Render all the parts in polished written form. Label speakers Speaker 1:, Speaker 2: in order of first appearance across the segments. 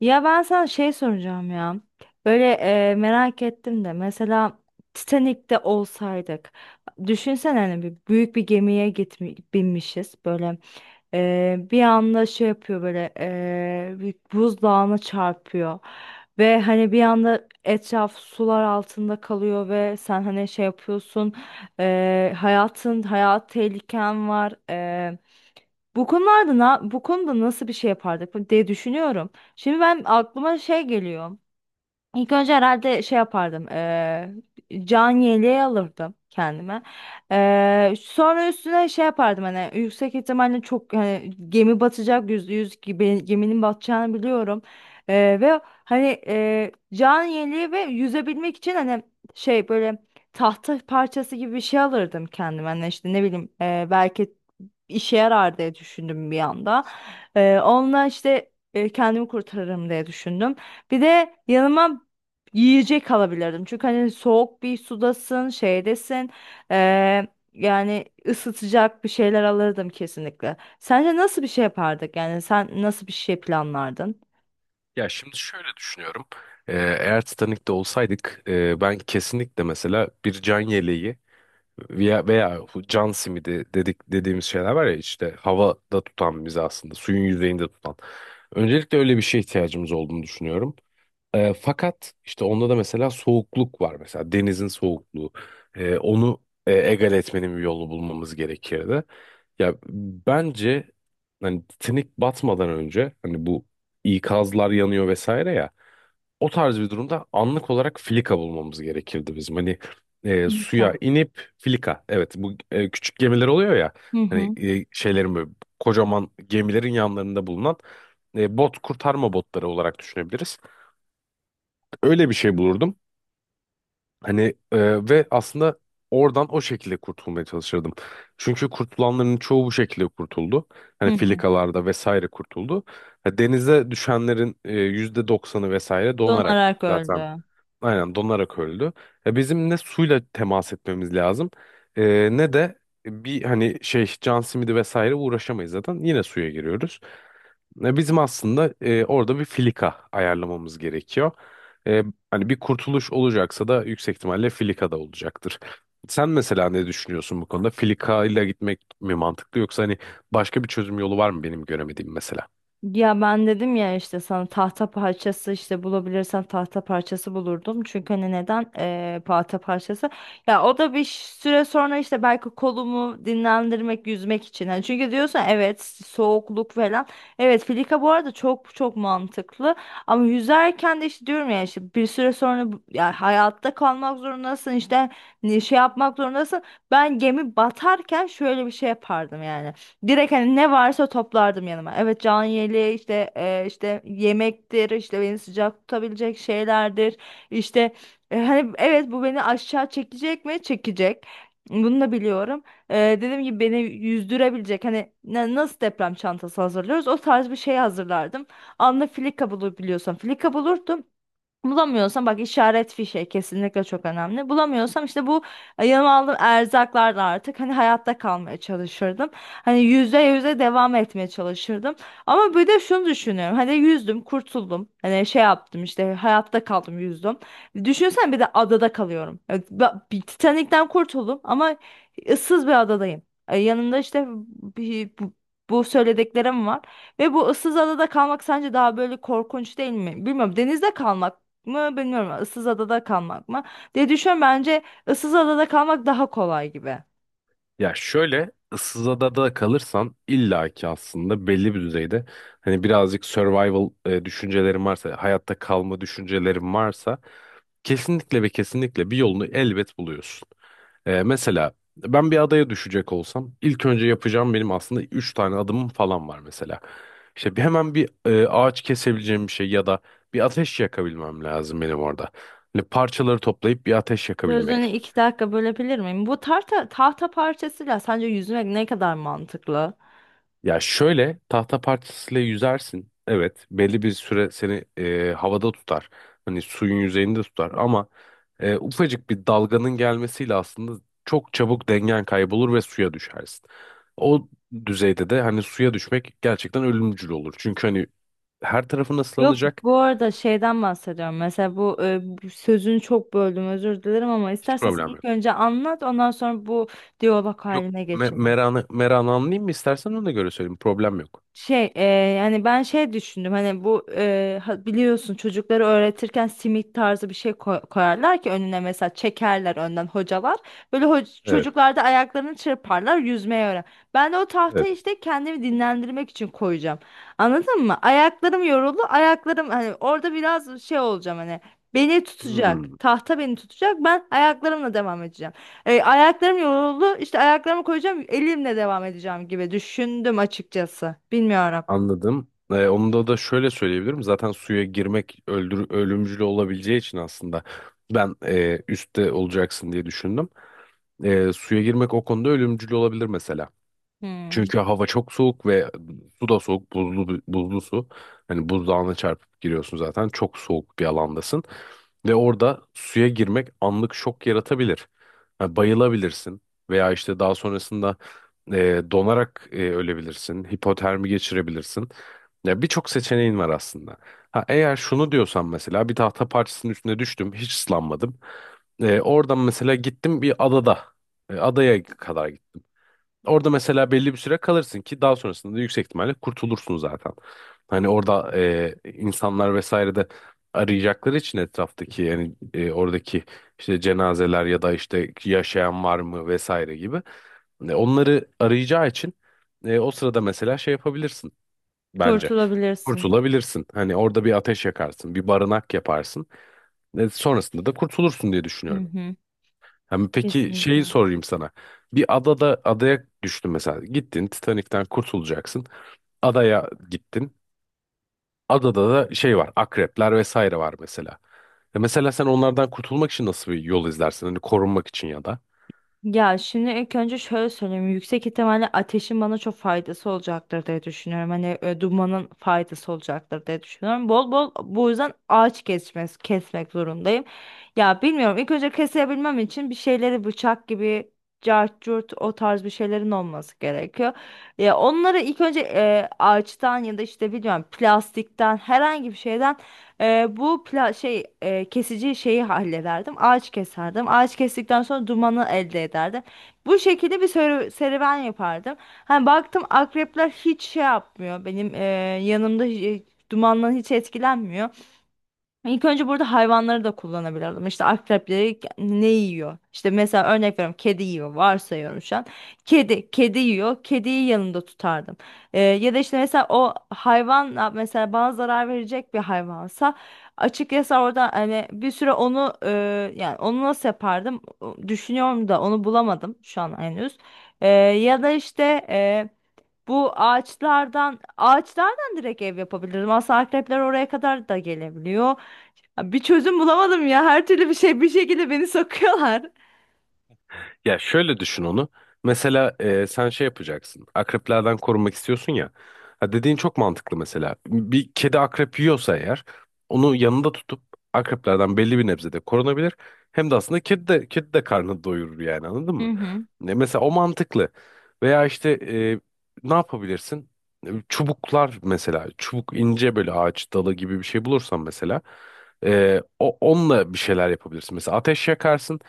Speaker 1: Ya ben sana şey soracağım ya. Böyle merak ettim de mesela Titanik'te olsaydık. Düşünsene hani bir büyük bir gemiye binmişiz. Böyle bir anda şey yapıyor böyle bir buzdağına çarpıyor. Ve hani bir anda etraf sular altında kalıyor ve sen hani şey yapıyorsun. Hayat tehliken var. Bu konuda nasıl bir şey yapardık diye düşünüyorum. Şimdi ben aklıma şey geliyor. İlk önce herhalde şey yapardım. Can yeleği alırdım kendime. Sonra üstüne şey yapardım hani yüksek ihtimalle çok hani gemi batacak %100 gibi geminin batacağını biliyorum. Ve hani can yeleği ve yüzebilmek için hani şey böyle tahta parçası gibi bir şey alırdım kendime. Hani işte ne bileyim belki işe yarar diye düşündüm bir anda. Onunla işte kendimi kurtarırım diye düşündüm. Bir de yanıma yiyecek alabilirdim. Çünkü hani soğuk bir sudasın, şeydesin. eee, yani ısıtacak bir şeyler alırdım kesinlikle. Sence nasıl bir şey yapardık? Yani sen nasıl bir şey planlardın?
Speaker 2: Ya şimdi şöyle düşünüyorum. Ee, Eğer Titanic'te olsaydık ben kesinlikle mesela bir can yeleği veya bu can simidi dediğimiz şeyler var ya işte havada tutan bizi, aslında suyun yüzeyinde tutan. Öncelikle öyle bir şeye ihtiyacımız olduğunu düşünüyorum. Fakat işte onda da mesela soğukluk var, mesela denizin soğukluğu. Onu egal etmenin bir yolu bulmamız gerekirdi. Ya bence hani Titanic batmadan önce hani bu ikazlar yanıyor vesaire ya, o tarz bir durumda anlık olarak filika bulmamız gerekirdi bizim. Hani suya
Speaker 1: İlka.
Speaker 2: inip filika, evet bu küçük gemiler oluyor ya,
Speaker 1: Hı
Speaker 2: hani
Speaker 1: hı.
Speaker 2: şeylerin böyle, kocaman gemilerin yanlarında bulunan bot, kurtarma botları olarak düşünebiliriz, öyle bir şey bulurdum. Hani ve aslında oradan o şekilde kurtulmaya çalışırdım. Çünkü kurtulanların çoğu bu şekilde kurtuldu.
Speaker 1: Hı
Speaker 2: Hani
Speaker 1: hı.
Speaker 2: filikalarda vesaire kurtuldu. Ha, denize düşenlerin %90'ı vesaire donarak
Speaker 1: Donarak
Speaker 2: zaten.
Speaker 1: öldü.
Speaker 2: Aynen, donarak öldü. E, bizim ne suyla temas etmemiz lazım, e, ne de bir hani şey can simidi vesaire, uğraşamayız zaten. Yine suya giriyoruz. Bizim aslında orada bir filika ayarlamamız gerekiyor. E, Hani bir kurtuluş olacaksa da yüksek ihtimalle filika da olacaktır. Sen mesela ne düşünüyorsun bu konuda? Filika ile gitmek mi mantıklı, yoksa hani başka bir çözüm yolu var mı benim göremediğim mesela?
Speaker 1: Ya ben dedim ya işte sana tahta parçası işte bulabilirsen tahta parçası bulurdum. Çünkü hani neden tahta parçası? Ya o da bir süre sonra işte belki kolumu dinlendirmek, yüzmek için. Hani çünkü diyorsun evet soğukluk falan. Evet filika bu arada çok çok mantıklı. Ama yüzerken de işte diyorum ya işte bir süre sonra ya hayatta kalmak zorundasın işte şey yapmak zorundasın. Ben gemi batarken şöyle bir şey yapardım yani. Direkt hani ne varsa toplardım yanıma. Evet can yeleği işte işte yemektir işte beni sıcak tutabilecek şeylerdir. İşte hani evet bu beni aşağı çekecek mi? Çekecek. Bunu da biliyorum. Dediğim gibi beni yüzdürebilecek hani nasıl deprem çantası hazırlıyoruz o tarz bir şey hazırlardım. Filika bulabiliyorsam filika bulurdum. Bulamıyorsam bak işaret fişe kesinlikle çok önemli. Bulamıyorsam işte bu yanıma aldığım erzaklarla artık hani hayatta kalmaya çalışırdım. Hani %100'e devam etmeye çalışırdım. Ama bir de şunu düşünüyorum. Hani yüzdüm, kurtuldum. Hani şey yaptım işte hayatta kaldım, yüzdüm. Düşünsen bir de adada kalıyorum. Evet, bir Titanik'ten kurtuldum ama ıssız bir adadayım. Yanımda işte bir, bu, bu söylediklerim var. Ve bu ıssız adada kalmak sence daha böyle korkunç değil mi? Bilmiyorum. Denizde kalmak mı bilmiyorum. Issız adada kalmak mı diye düşünüyorum. Bence ıssız adada kalmak daha kolay gibi.
Speaker 2: Ya şöyle, ıssız adada kalırsan illaki aslında belli bir düzeyde hani birazcık survival düşüncelerin varsa, hayatta kalma düşüncelerin varsa, kesinlikle ve kesinlikle bir yolunu elbet buluyorsun. E, mesela ben bir adaya düşecek olsam ilk önce yapacağım benim aslında 3 tane adımım falan var mesela. İşte bir, hemen bir ağaç kesebileceğim bir şey, ya da bir ateş yakabilmem lazım benim orada. Hani parçaları toplayıp bir ateş
Speaker 1: Sözünü
Speaker 2: yakabilmek.
Speaker 1: 2 dakika bölebilir miyim? Bu tahta parçasıyla sence yüzmek ne kadar mantıklı?
Speaker 2: Ya şöyle, tahta parçasıyla yüzersin. Evet, belli bir süre seni havada tutar. Hani suyun yüzeyinde tutar ama ufacık bir dalganın gelmesiyle aslında çok çabuk dengen kaybolur ve suya düşersin. O düzeyde de hani suya düşmek gerçekten ölümcül olur. Çünkü hani her tarafın
Speaker 1: Yok
Speaker 2: ıslanacak.
Speaker 1: bu arada şeyden bahsediyorum. Mesela bu sözünü çok böldüm özür dilerim ama
Speaker 2: Hiç
Speaker 1: istersen sen
Speaker 2: problem
Speaker 1: ilk
Speaker 2: yok.
Speaker 1: önce anlat ondan sonra bu diyalog
Speaker 2: Yok,
Speaker 1: haline
Speaker 2: me
Speaker 1: geçelim.
Speaker 2: meranı, meranı anlayayım mı istersen, ona göre söyleyeyim, problem yok.
Speaker 1: Şey yani ben şey düşündüm hani bu biliyorsun çocukları öğretirken simit tarzı bir şey koyarlar ki önüne mesela çekerler önden hocalar. Böyle
Speaker 2: Evet,
Speaker 1: çocuklar da ayaklarını çırparlar yüzmeyi öğren. Ben de o
Speaker 2: evet.
Speaker 1: tahtayı işte kendimi dinlendirmek için koyacağım. Anladın mı? Ayaklarım yoruldu ayaklarım hani orada biraz şey olacağım hani beni
Speaker 2: Hmm.
Speaker 1: tutacak tahta beni tutacak ben ayaklarımla devam edeceğim. Ayaklarım yoruldu. İşte ayaklarımı koyacağım, elimle devam edeceğim gibi düşündüm açıkçası. Bilmiyorum.
Speaker 2: Anladım. Onu da şöyle söyleyebilirim. Zaten suya girmek ölümcül olabileceği için aslında ben üstte olacaksın diye düşündüm. E, suya girmek o konuda ölümcül olabilir mesela.
Speaker 1: Hmm, evet.
Speaker 2: Çünkü hava çok soğuk ve su da soğuk, buzlu buzlu su. Hani buzdağına çarpıp giriyorsun zaten. Çok soğuk bir alandasın. Ve orada suya girmek anlık şok yaratabilir. Ha, bayılabilirsin veya işte daha sonrasında donarak ölebilirsin. Hipotermi geçirebilirsin. Ya birçok seçeneğin var aslında. Ha, eğer şunu diyorsan mesela, bir tahta parçasının üstüne düştüm, hiç ıslanmadım. E, oradan mesela gittim bir adada, adaya kadar. Orada mesela belli bir süre kalırsın ki daha sonrasında da yüksek ihtimalle kurtulursun zaten. Hani orada insanlar vesaire de arayacakları için, etraftaki yani oradaki işte cenazeler ya da işte yaşayan var mı vesaire gibi. E, onları arayacağı için o sırada mesela şey yapabilirsin bence.
Speaker 1: Kurtulabilirsin.
Speaker 2: Kurtulabilirsin. Hani orada bir ateş yakarsın, bir barınak yaparsın. E, sonrasında da kurtulursun diye
Speaker 1: Hı
Speaker 2: düşünüyorum.
Speaker 1: hı.
Speaker 2: Hem peki şeyi
Speaker 1: Kesinlikle.
Speaker 2: sorayım sana. Bir adada, adaya düştün mesela. Gittin, Titanik'ten kurtulacaksın. Adaya gittin. Adada da şey var. Akrepler vesaire var mesela. E mesela sen onlardan kurtulmak için nasıl bir yol izlersin? Hani korunmak için, ya da.
Speaker 1: Ya şimdi ilk önce şöyle söyleyeyim. Yüksek ihtimalle ateşin bana çok faydası olacaktır diye düşünüyorum. Hani dumanın faydası olacaktır diye düşünüyorum. Bol bol bu yüzden ağaç kesmek zorundayım. Ya bilmiyorum. İlk önce kesebilmem için bir şeyleri bıçak gibi cart curt o tarz bir şeylerin olması gerekiyor. Ya onları ilk önce ağaçtan ya da işte bilmiyorum plastikten herhangi bir şeyden bu şey kesici şeyi hallederdim. Ağaç keserdim. Ağaç kestikten sonra dumanı elde ederdim. Bu şekilde bir serüven yapardım. Hani baktım akrepler hiç şey yapmıyor. Benim yanımda dumandan hiç etkilenmiyor. İlk önce burada hayvanları da kullanabilirdim. İşte akrepleri ne yiyor? İşte mesela örnek veriyorum kedi yiyor. Varsayıyorum şu an. Kedi yiyor. Kediyi yanında tutardım. Ya da işte mesela o hayvan mesela bana zarar verecek bir hayvansa açıkçası orada hani bir süre onu yani onu nasıl yapardım? Düşünüyorum da onu bulamadım şu an henüz. Ya da işte e, bu ağaçlardan direkt ev yapabilirdim. Aslında akrepler oraya kadar da gelebiliyor. Ya bir çözüm bulamadım ya. Her türlü bir şey bir şekilde beni sokuyorlar.
Speaker 2: Ya şöyle düşün onu. Mesela sen şey yapacaksın. Akreplerden korunmak istiyorsun ya. Ha, dediğin çok mantıklı mesela. Bir kedi akrep yiyorsa eğer, onu yanında tutup akreplerden belli bir nebzede korunabilir. Hem de aslında kedi de, kedi de karnını doyurur yani, anladın
Speaker 1: Hı
Speaker 2: mı?
Speaker 1: hı.
Speaker 2: Ne, mesela o mantıklı. Veya işte ne yapabilirsin? E, çubuklar mesela. Çubuk, ince böyle ağaç dalı gibi bir şey bulursan mesela, onunla bir şeyler yapabilirsin. Mesela ateş yakarsın.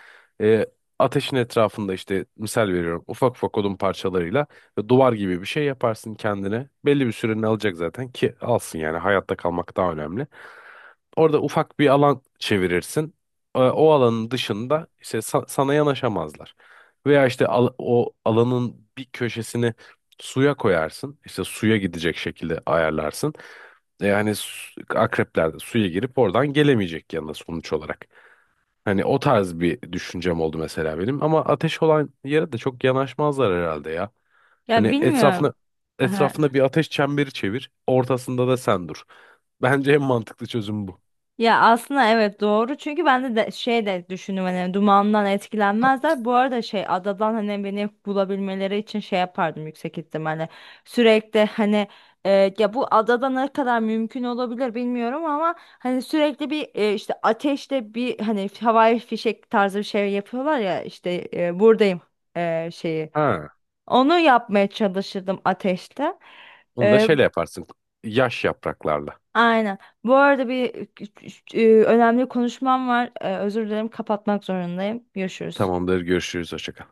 Speaker 2: E, ateşin etrafında işte, misal veriyorum, ufak ufak odun parçalarıyla duvar gibi bir şey yaparsın kendine. Belli bir sürenin alacak zaten ki, alsın yani, hayatta kalmak daha önemli. Orada ufak bir alan çevirirsin. E, o alanın dışında işte sana yanaşamazlar. Veya işte o alanın bir köşesini suya koyarsın. İşte suya gidecek şekilde ayarlarsın. E, yani akrepler de suya girip oradan gelemeyecek yanına sonuç olarak. Hani o tarz bir düşüncem oldu mesela benim. Ama ateş olan yere de çok yanaşmazlar herhalde ya.
Speaker 1: Ya
Speaker 2: Hani
Speaker 1: bilmiyorum.
Speaker 2: etrafına,
Speaker 1: Ha.
Speaker 2: etrafında bir ateş çemberi çevir. Ortasında da sen dur. Bence en mantıklı çözüm bu.
Speaker 1: Ya aslında evet doğru çünkü ben de şey de düşündüm hani dumandan etkilenmezler. Bu arada şey adadan hani beni bulabilmeleri için şey yapardım yüksek ihtimalle. Sürekli hani e, ya bu adada ne kadar mümkün olabilir bilmiyorum ama hani sürekli bir işte ateşte bir hani havai fişek tarzı bir şey yapıyorlar ya işte buradayım şeyi.
Speaker 2: Ha,
Speaker 1: Onu yapmaya çalışırdım ateşte.
Speaker 2: onu da
Speaker 1: Ee,
Speaker 2: şeyle yaparsın. Yaş yapraklarla.
Speaker 1: aynen. Bu arada bir önemli konuşmam var. Özür dilerim kapatmak zorundayım. Görüşürüz.
Speaker 2: Tamamdır, görüşürüz. Hoşça kal.